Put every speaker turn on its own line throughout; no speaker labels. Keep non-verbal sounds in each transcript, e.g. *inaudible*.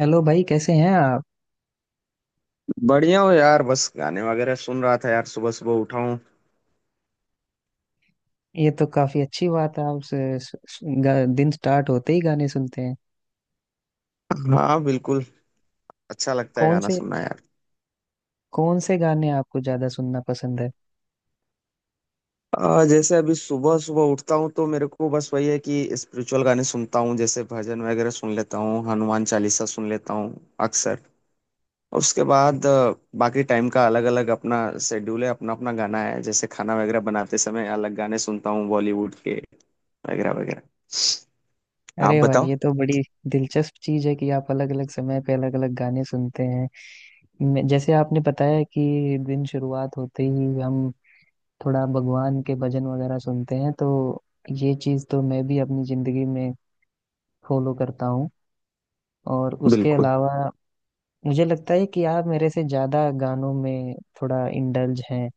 Hello भाई, कैसे हैं आप।
बढ़िया हो यार। बस गाने वगैरह सुन रहा था यार, सुबह सुबह उठा हूँ।
ये तो काफी अच्छी बात है। आप से- स- स- गा- दिन स्टार्ट होते ही गाने सुनते हैं।
हाँ, बिल्कुल। अच्छा लगता है
कौन
गाना
से,
सुनना यार।
कौन से गाने आपको ज्यादा सुनना पसंद है।
जैसे अभी सुबह सुबह उठता हूँ तो मेरे को बस वही है कि स्पिरिचुअल गाने सुनता हूँ, जैसे भजन वगैरह सुन लेता हूँ, हनुमान चालीसा सुन लेता हूँ अक्सर। उसके बाद बाकी टाइम का अलग अलग अपना शेड्यूल है, अपना अपना गाना है। जैसे खाना वगैरह बनाते समय अलग गाने सुनता हूँ बॉलीवुड के, वगैरह वगैरह। आप
अरे भाई,
बताओ।
ये तो बड़ी दिलचस्प चीज है कि आप अलग अलग समय पे अलग अलग गाने सुनते हैं। जैसे आपने बताया कि दिन शुरुआत होते ही हम थोड़ा भगवान के भजन वगैरह सुनते हैं, तो ये चीज तो मैं भी अपनी जिंदगी में फॉलो करता हूँ। और उसके
बिल्कुल।
अलावा मुझे लगता है कि आप मेरे से ज्यादा गानों में थोड़ा इंडल्ज हैं,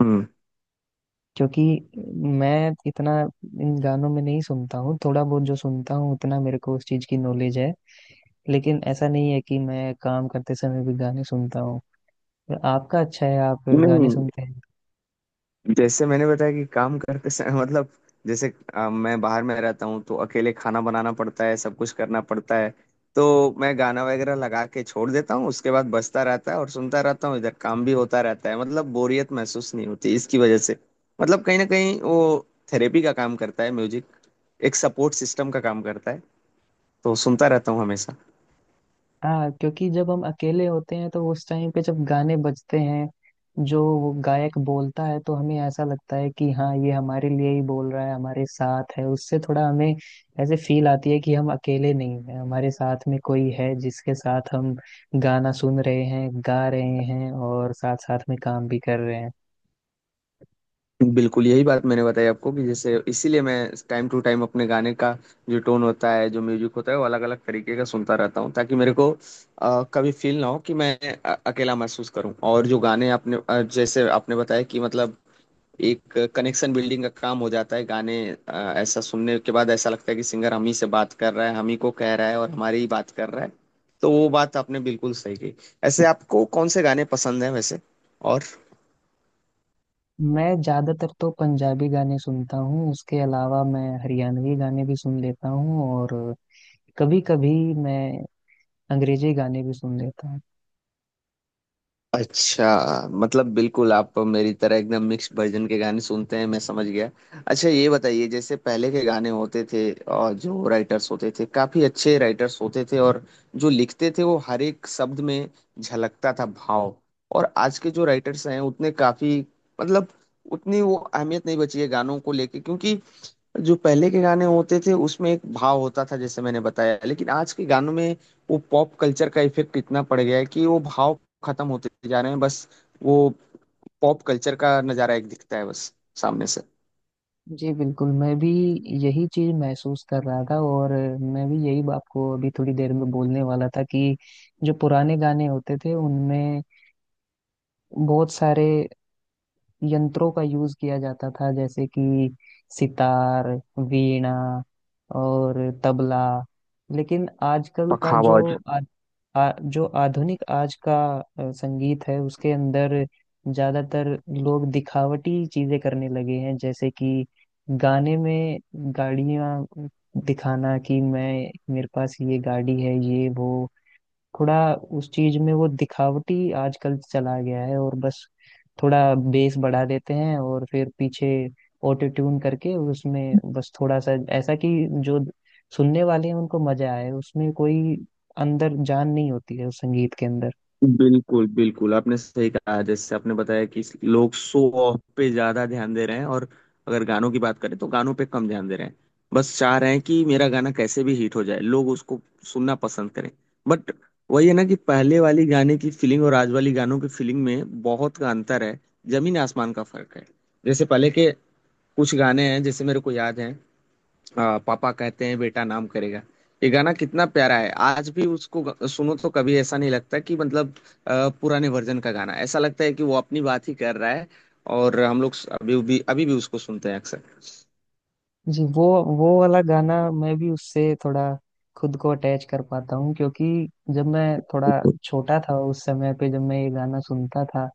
हम्म।
क्योंकि मैं इतना इन गानों में नहीं सुनता हूँ। थोड़ा बहुत जो सुनता हूँ, उतना मेरे को उस चीज की नॉलेज है, लेकिन ऐसा नहीं है कि मैं काम करते समय भी गाने सुनता हूँ। आपका अच्छा है, आप गाने
नहीं,
सुनते हैं।
जैसे मैंने बताया कि काम करते समय *laughs* मतलब जैसे मैं बाहर में रहता हूँ तो अकेले खाना बनाना पड़ता है, सब कुछ करना पड़ता है। तो मैं गाना वगैरह लगा के छोड़ देता हूँ, उसके बाद बजता रहता है और सुनता रहता हूँ, इधर काम भी होता रहता है। मतलब बोरियत महसूस नहीं होती इसकी वजह से। मतलब कहीं ना कहीं वो थेरेपी का काम करता है म्यूजिक, एक सपोर्ट सिस्टम का काम करता है। तो सुनता रहता हूँ हमेशा।
हाँ, क्योंकि जब हम अकेले होते हैं तो उस टाइम पे जब गाने बजते हैं, जो वो गायक बोलता है तो हमें ऐसा लगता है कि हाँ, ये हमारे लिए ही बोल रहा है, हमारे साथ है। उससे थोड़ा हमें ऐसे फील आती है कि हम अकेले नहीं हैं, हमारे साथ में कोई है जिसके साथ हम गाना सुन रहे हैं, गा रहे हैं और साथ साथ में काम भी कर रहे हैं।
बिल्कुल यही बात मैंने बताई आपको कि जैसे इसीलिए मैं टाइम टू टाइम अपने गाने का जो टोन होता है, जो म्यूजिक होता है, वो अलग अलग तरीके का सुनता रहता हूँ, ताकि मेरे को कभी फील ना हो कि मैं अकेला महसूस करूँ। और जो गाने आपने जैसे आपने बताया कि मतलब एक कनेक्शन बिल्डिंग का काम हो जाता है गाने, ऐसा सुनने के बाद ऐसा लगता है कि सिंगर हम ही से बात कर रहा है, हम ही को कह रहा है और हमारी ही बात कर रहा है। तो वो बात आपने बिल्कुल सही कही। ऐसे आपको कौन से गाने पसंद हैं वैसे, और?
मैं ज्यादातर तो पंजाबी गाने सुनता हूँ, उसके अलावा मैं हरियाणवी गाने भी सुन लेता हूँ, और कभी कभी मैं अंग्रेजी गाने भी सुन लेता हूँ।
अच्छा, मतलब बिल्कुल आप मेरी तरह एकदम मिक्स वर्जन के गाने सुनते हैं, मैं समझ गया। अच्छा ये बताइए, जैसे पहले के गाने होते थे और जो राइटर्स होते थे, काफी अच्छे राइटर्स होते थे, और जो लिखते थे वो हर एक शब्द में झलकता था भाव। और आज के जो राइटर्स हैं उतने काफी, मतलब उतनी वो अहमियत नहीं बची है गानों को लेके, क्योंकि जो पहले के गाने होते थे उसमें एक भाव होता था जैसे मैंने बताया, लेकिन आज के गानों में वो पॉप कल्चर का इफेक्ट इतना पड़ गया है कि वो भाव खत्म होते जा रहे हैं। बस वो पॉप कल्चर का नजारा एक दिखता है बस सामने से।
जी बिल्कुल, मैं भी यही चीज महसूस कर रहा था, और मैं भी यही आपको अभी थोड़ी देर में बोलने वाला था कि जो पुराने गाने होते थे उनमें बहुत सारे यंत्रों का यूज किया जाता था, जैसे कि सितार, वीणा और तबला। लेकिन आजकल का जो
पखावाज।
आ, आ, जो आधुनिक आज का संगीत है उसके अंदर ज्यादातर लोग दिखावटी चीजें करने लगे हैं, जैसे कि गाने में गाड़ियां दिखाना कि मैं, मेरे पास ये गाड़ी है, ये वो। थोड़ा उस चीज में वो दिखावटी आजकल चला गया है, और बस थोड़ा बेस बढ़ा देते हैं और फिर पीछे ऑटो ट्यून करके उसमें बस थोड़ा सा ऐसा कि जो सुनने वाले हैं उनको मजा आए। उसमें कोई अंदर जान नहीं होती है उस संगीत के अंदर।
बिल्कुल बिल्कुल आपने सही कहा, जैसे आपने बताया कि लोग शो ऑफ पे ज्यादा ध्यान दे रहे हैं, और अगर गानों की बात करें तो गानों पे कम ध्यान दे रहे हैं। बस चाह रहे हैं कि मेरा गाना कैसे भी हिट हो जाए, लोग उसको सुनना पसंद करें। बट वही है ना कि पहले वाली गाने की फीलिंग और आज वाली गानों की फीलिंग में बहुत का अंतर है, जमीन आसमान का फर्क है। जैसे पहले के कुछ गाने हैं जैसे मेरे को याद है, पापा कहते हैं बेटा नाम करेगा, ये गाना कितना प्यारा है। आज भी उसको सुनो तो कभी ऐसा नहीं लगता कि मतलब पुराने वर्जन का गाना ऐसा लगता है कि वो अपनी बात ही कर रहा है। और हम लोग अभी भी उसको सुनते हैं अक्सर।
जी, वो वाला गाना मैं भी उससे थोड़ा खुद को अटैच कर पाता हूँ, क्योंकि जब मैं थोड़ा छोटा था, उस समय पे जब मैं ये गाना सुनता था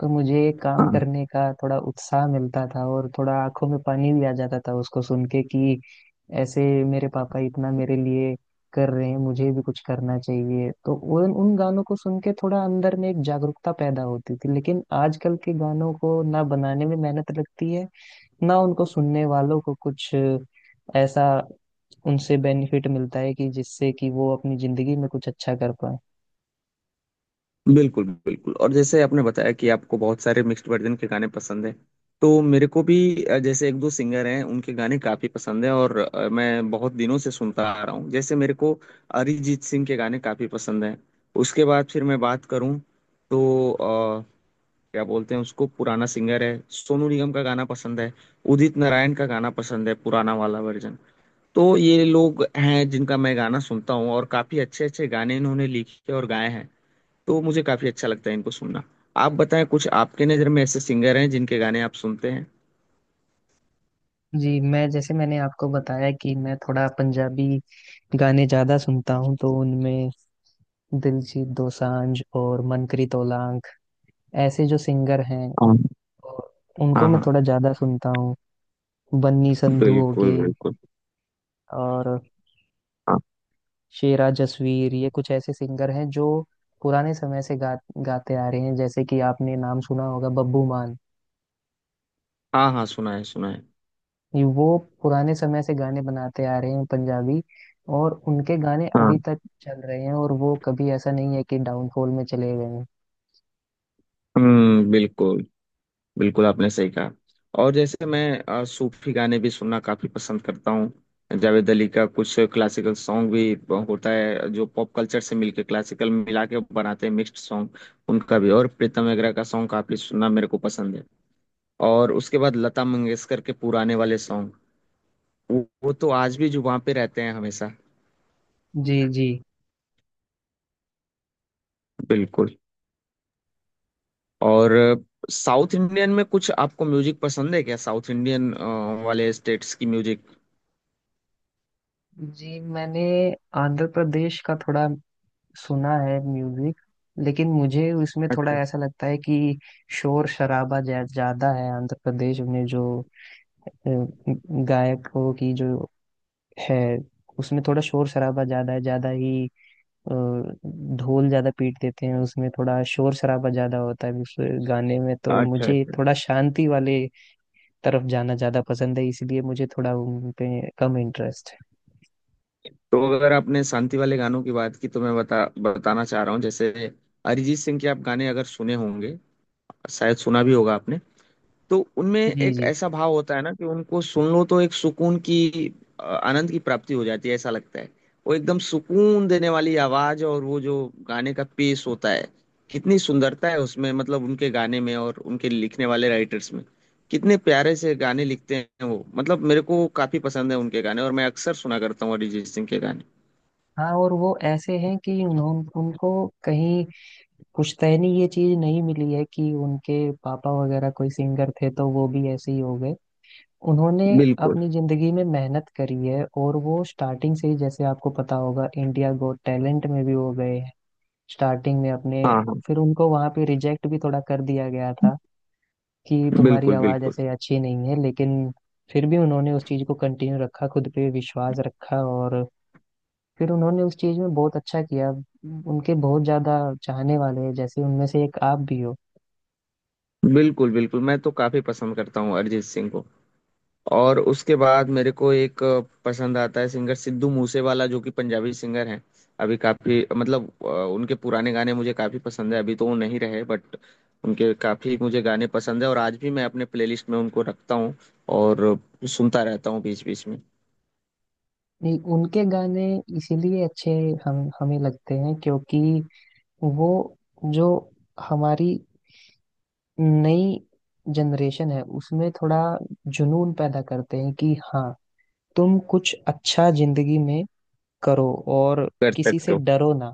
तो मुझे काम
हाँ।
करने का थोड़ा उत्साह मिलता था और थोड़ा आंखों में पानी भी आ जाता था उसको सुन के, कि ऐसे मेरे पापा इतना मेरे लिए कर रहे हैं, मुझे भी कुछ करना चाहिए। तो उन उन गानों को सुन के थोड़ा अंदर में एक जागरूकता पैदा होती थी। लेकिन आजकल के गानों को ना बनाने में मेहनत लगती है, ना उनको सुनने वालों को कुछ ऐसा उनसे बेनिफिट मिलता है कि जिससे कि वो अपनी जिंदगी में कुछ अच्छा कर पाए।
बिल्कुल बिल्कुल। और जैसे आपने बताया कि आपको बहुत सारे मिक्स्ड वर्जन के गाने पसंद हैं, तो मेरे को भी जैसे एक दो सिंगर हैं उनके गाने काफी पसंद है, और मैं बहुत दिनों से सुनता आ रहा हूँ, जैसे मेरे को अरिजीत सिंह के गाने काफी पसंद हैं। उसके बाद फिर मैं बात करूँ तो क्या बोलते हैं उसको, पुराना सिंगर है, सोनू निगम का गाना पसंद है, उदित नारायण का गाना पसंद है, पुराना वाला वर्जन। तो ये लोग हैं जिनका मैं गाना सुनता हूँ, और काफी अच्छे अच्छे गाने इन्होंने लिखे और गाए हैं। तो मुझे काफी अच्छा लगता है इनको सुनना। आप बताएं कुछ आपके नजर में ऐसे सिंगर हैं जिनके गाने आप सुनते हैं?
जी, मैं जैसे मैंने आपको बताया कि मैं थोड़ा पंजाबी गाने ज्यादा सुनता हूँ, तो उनमें दिलजीत दोसांझ और मनकरी ओलांग ऐसे जो सिंगर हैं,
हाँ।
और उनको
हाँ
मैं
हाँ।
थोड़ा ज्यादा सुनता हूँ। बन्नी संधू हो
बिल्कुल
गई,
बिल्कुल।
और
हाँ।
शेरा जसवीर, ये कुछ ऐसे सिंगर हैं जो पुराने समय से गाते आ रहे हैं। जैसे कि आपने नाम सुना होगा बब्बू मान,
हाँ हाँ सुना है, सुना है।
ये वो पुराने समय से गाने बनाते आ रहे हैं पंजाबी, और उनके गाने
हाँ।
अभी तक चल रहे हैं, और वो कभी ऐसा नहीं है कि डाउनफॉल में चले गए हैं।
बिल्कुल। बिल्कुल आपने सही कहा। और जैसे मैं सूफी गाने भी सुनना काफी पसंद करता हूँ। जावेद अली का कुछ क्लासिकल सॉन्ग भी होता है, जो पॉप कल्चर से मिलके क्लासिकल मिला के बनाते हैं मिक्स्ड सॉन्ग, उनका भी, और प्रीतम वगैरह का सॉन्ग काफी सुनना मेरे को पसंद है। और उसके बाद लता मंगेशकर के पुराने वाले सॉन्ग, वो वो तो आज भी जो वहां पे रहते हैं हमेशा।
जी जी।
बिल्कुल। और साउथ इंडियन में कुछ आपको म्यूजिक पसंद है क्या, साउथ इंडियन वाले स्टेट्स की म्यूजिक?
जी, मैंने आंध्र प्रदेश का थोड़ा सुना है म्यूजिक, लेकिन मुझे उसमें थोड़ा
अच्छा।
ऐसा लगता है कि शोर शराबा ज्यादा है। आंध्र प्रदेश में जो अ, गायकों की जो है, उसमें थोड़ा शोर शराबा ज्यादा है, ज्यादा ही। अ, ढोल ज्यादा पीट देते हैं, उसमें थोड़ा शोर शराबा ज्यादा होता है उस गाने में। तो
अच्छा
मुझे
अच्छा।
थोड़ा शांति वाले तरफ जाना ज्यादा पसंद है, इसलिए मुझे थोड़ा उन पे कम इंटरेस्ट है।
तो अगर आपने शांति वाले गानों की बात की, तो मैं बता बताना चाह रहा हूँ जैसे अरिजीत सिंह के आप गाने अगर सुने होंगे, शायद सुना भी होगा आपने, तो उनमें
जी
एक
जी।
ऐसा भाव होता है ना कि उनको सुन लो तो एक सुकून की आनंद की प्राप्ति हो जाती है, ऐसा लगता है। वो एकदम सुकून देने वाली आवाज, और वो जो गाने का पेस होता है, कितनी सुंदरता है उसमें, मतलब उनके गाने में और उनके लिखने वाले राइटर्स में। कितने प्यारे से गाने लिखते हैं वो, मतलब मेरे को काफी पसंद है उनके गाने और मैं अक्सर सुना करता हूँ अरिजीत सिंह के गाने।
हाँ, और वो ऐसे हैं कि उन्हों उनको कहीं पुश्तैनी ये चीज नहीं मिली है कि उनके पापा वगैरह कोई सिंगर थे तो वो भी ऐसे ही हो गए। उन्होंने
बिल्कुल।
अपनी जिंदगी में मेहनत करी है, और वो स्टार्टिंग से ही, जैसे आपको पता होगा, इंडिया गोट टैलेंट में भी वो गए हैं स्टार्टिंग में अपने।
हाँ हाँ।
फिर उनको वहां पे रिजेक्ट भी थोड़ा कर दिया गया था कि तुम्हारी
बिल्कुल
आवाज
बिल्कुल।
ऐसे अच्छी नहीं है, लेकिन फिर भी उन्होंने उस चीज को कंटिन्यू रखा, खुद पे विश्वास रखा, और फिर उन्होंने उस चीज में बहुत अच्छा किया। उनके बहुत ज्यादा चाहने वाले हैं, जैसे उनमें से एक आप भी हो।
बिल्कुल बिल्कुल मैं तो काफी पसंद करता हूँ अरिजीत सिंह को। और उसके बाद मेरे को एक पसंद आता है सिंगर सिद्धू मूसेवाला, जो कि पंजाबी सिंगर हैं। अभी काफी मतलब उनके पुराने गाने मुझे काफी पसंद है। अभी तो वो नहीं रहे बट उनके काफी मुझे गाने पसंद है, और आज भी मैं अपने प्लेलिस्ट में उनको रखता हूँ और सुनता रहता हूँ बीच बीच में।
नहीं, उनके गाने इसीलिए अच्छे हम हमें लगते हैं, क्योंकि वो जो हमारी नई जनरेशन है उसमें थोड़ा जुनून पैदा करते हैं, कि हाँ, तुम कुछ अच्छा जिंदगी में करो, और
कर
किसी
सकते
से
हो।
डरो ना।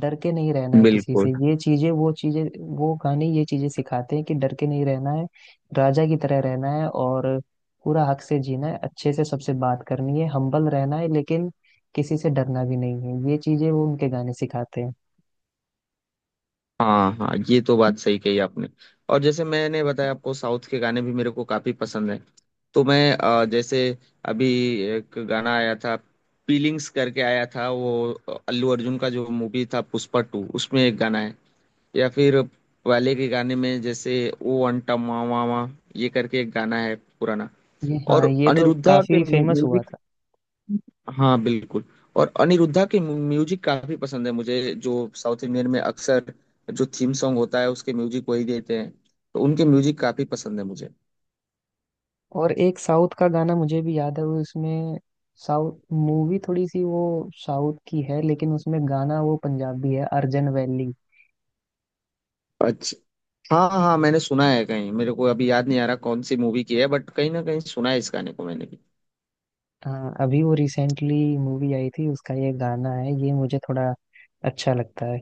डर के नहीं रहना है किसी
बिल्कुल।
से, ये चीजें, वो चीजें, वो गाने ये चीजें सिखाते हैं कि डर के नहीं रहना है, राजा की तरह रहना है, और पूरा हक से जीना है, अच्छे से सबसे बात करनी है, हम्बल रहना है, लेकिन किसी से डरना भी नहीं है। ये चीजें वो उनके गाने सिखाते हैं।
हाँ हाँ, ये तो बात सही कही आपने। और जैसे मैंने बताया आपको, साउथ के गाने भी मेरे को काफी पसंद है। तो मैं जैसे अभी एक गाना आया था, फीलिंग्स करके आया था वो, अल्लू अर्जुन का जो मूवी था पुष्पा टू, उसमें एक गाना है। या फिर पहले के गाने में जैसे ओ अंटा मामा, ये करके एक गाना है पुराना।
ये, हाँ,
और
ये तो
अनिरुद्धा के,
काफी फेमस हुआ था।
हाँ बिल्कुल, और अनिरुद्धा के म्यूजिक काफी पसंद है मुझे, जो साउथ इंडियन में अक्सर जो थीम सॉन्ग होता है उसके म्यूजिक वही देते हैं। तो उनके म्यूजिक काफी पसंद है मुझे।
और एक साउथ का गाना मुझे भी याद है, वो उसमें साउथ मूवी थोड़ी सी, वो साउथ की है, लेकिन उसमें गाना वो पंजाबी है, अर्जन वैली।
अच्छा। हाँ हाँ मैंने सुना है कहीं, मेरे को अभी याद नहीं आ रहा कौन सी मूवी की है, बट कहीं ना कहीं सुना है इस गाने को मैंने भी।
हाँ, अभी वो रिसेंटली मूवी आई थी, उसका ये गाना है, ये मुझे थोड़ा अच्छा लगता है।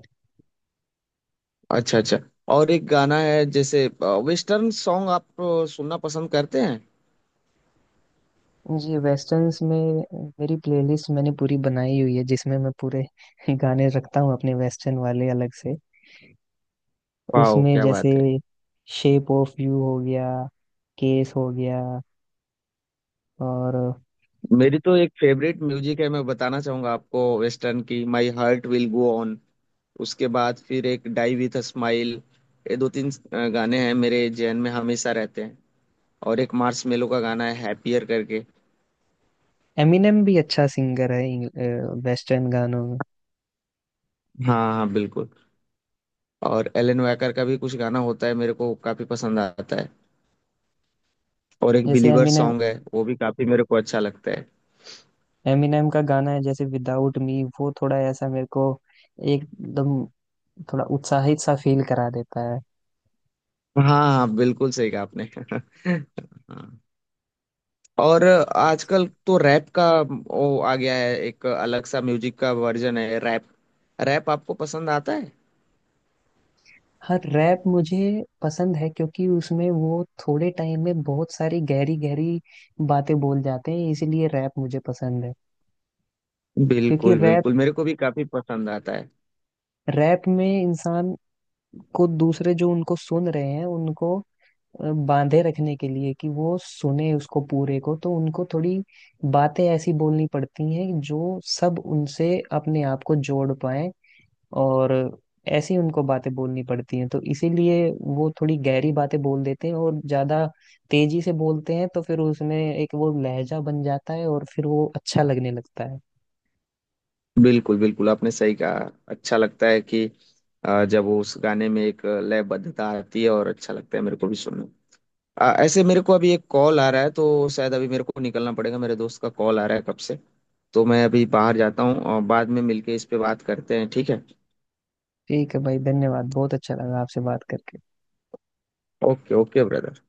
अच्छा अच्छा। और एक गाना है जैसे, वेस्टर्न सॉन्ग आप सुनना पसंद करते हैं?
ये वेस्टर्न्स में मेरी प्लेलिस्ट मैंने पूरी बनाई हुई है, जिसमें मैं पूरे *laughs* गाने रखता हूँ अपने वेस्टर्न वाले अलग से।
वाह
उसमें
क्या
जैसे
बात है।
शेप ऑफ यू हो गया, केस हो गया, और
मेरी तो एक फेवरेट म्यूजिक है, मैं बताना चाहूंगा आपको, वेस्टर्न की my heart will go on. उसके बाद फिर एक डाई विथ अ स्माइल। ये दो तीन गाने हैं मेरे जहन में हमेशा रहते हैं। और एक मार्स मेलो का गाना है हैप्पियर करके।
एमिनेम भी अच्छा सिंगर है वेस्टर्न गानों में।
हाँ हाँ बिल्कुल। और एलन वैकर का भी कुछ गाना होता है, मेरे को काफी पसंद आता है। और एक
जैसे
बिलीवर
एमिनेम,
सॉन्ग है, वो भी काफी मेरे को अच्छा लगता है।
एमिनेम का गाना है जैसे विदाउट मी, वो थोड़ा ऐसा मेरे को एकदम थोड़ा उत्साहित सा फील करा देता है।
हाँ हाँ बिल्कुल सही कहा आपने। *laughs* हाँ। और आजकल तो रैप का वो आ गया है, एक अलग सा म्यूजिक का वर्जन है रैप। रैप आपको पसंद आता है?
हर रैप मुझे पसंद है, क्योंकि उसमें वो थोड़े टाइम में बहुत सारी गहरी गहरी बातें बोल जाते हैं, इसीलिए रैप मुझे पसंद है। क्योंकि
बिल्कुल
रैप
बिल्कुल, मेरे को भी काफी पसंद आता है।
रैप में इंसान को, दूसरे जो उनको सुन रहे हैं उनको बांधे रखने के लिए कि वो सुने उसको पूरे को, तो उनको थोड़ी बातें ऐसी बोलनी पड़ती हैं जो सब उनसे अपने आप को जोड़ पाए। और ऐसी उनको बातें बोलनी पड़ती हैं, तो इसीलिए वो थोड़ी गहरी बातें बोल देते हैं और ज्यादा तेजी से बोलते हैं, तो फिर उसमें एक वो लहजा बन जाता है और फिर वो अच्छा लगने लगता है।
बिल्कुल बिल्कुल आपने सही कहा। अच्छा लगता है कि जब वो उस गाने में एक लयबद्धता आती है, और अच्छा लगता है मेरे को भी सुनना। ऐसे मेरे को अभी एक कॉल आ रहा है, तो शायद अभी मेरे को निकलना पड़ेगा, मेरे दोस्त का कॉल आ रहा है कब से। तो मैं अभी बाहर जाता हूँ और बाद में मिलके इस पे बात करते हैं, ठीक है?
ठीक है भाई, धन्यवाद, बहुत अच्छा लगा आपसे बात करके।
Okay okay brother.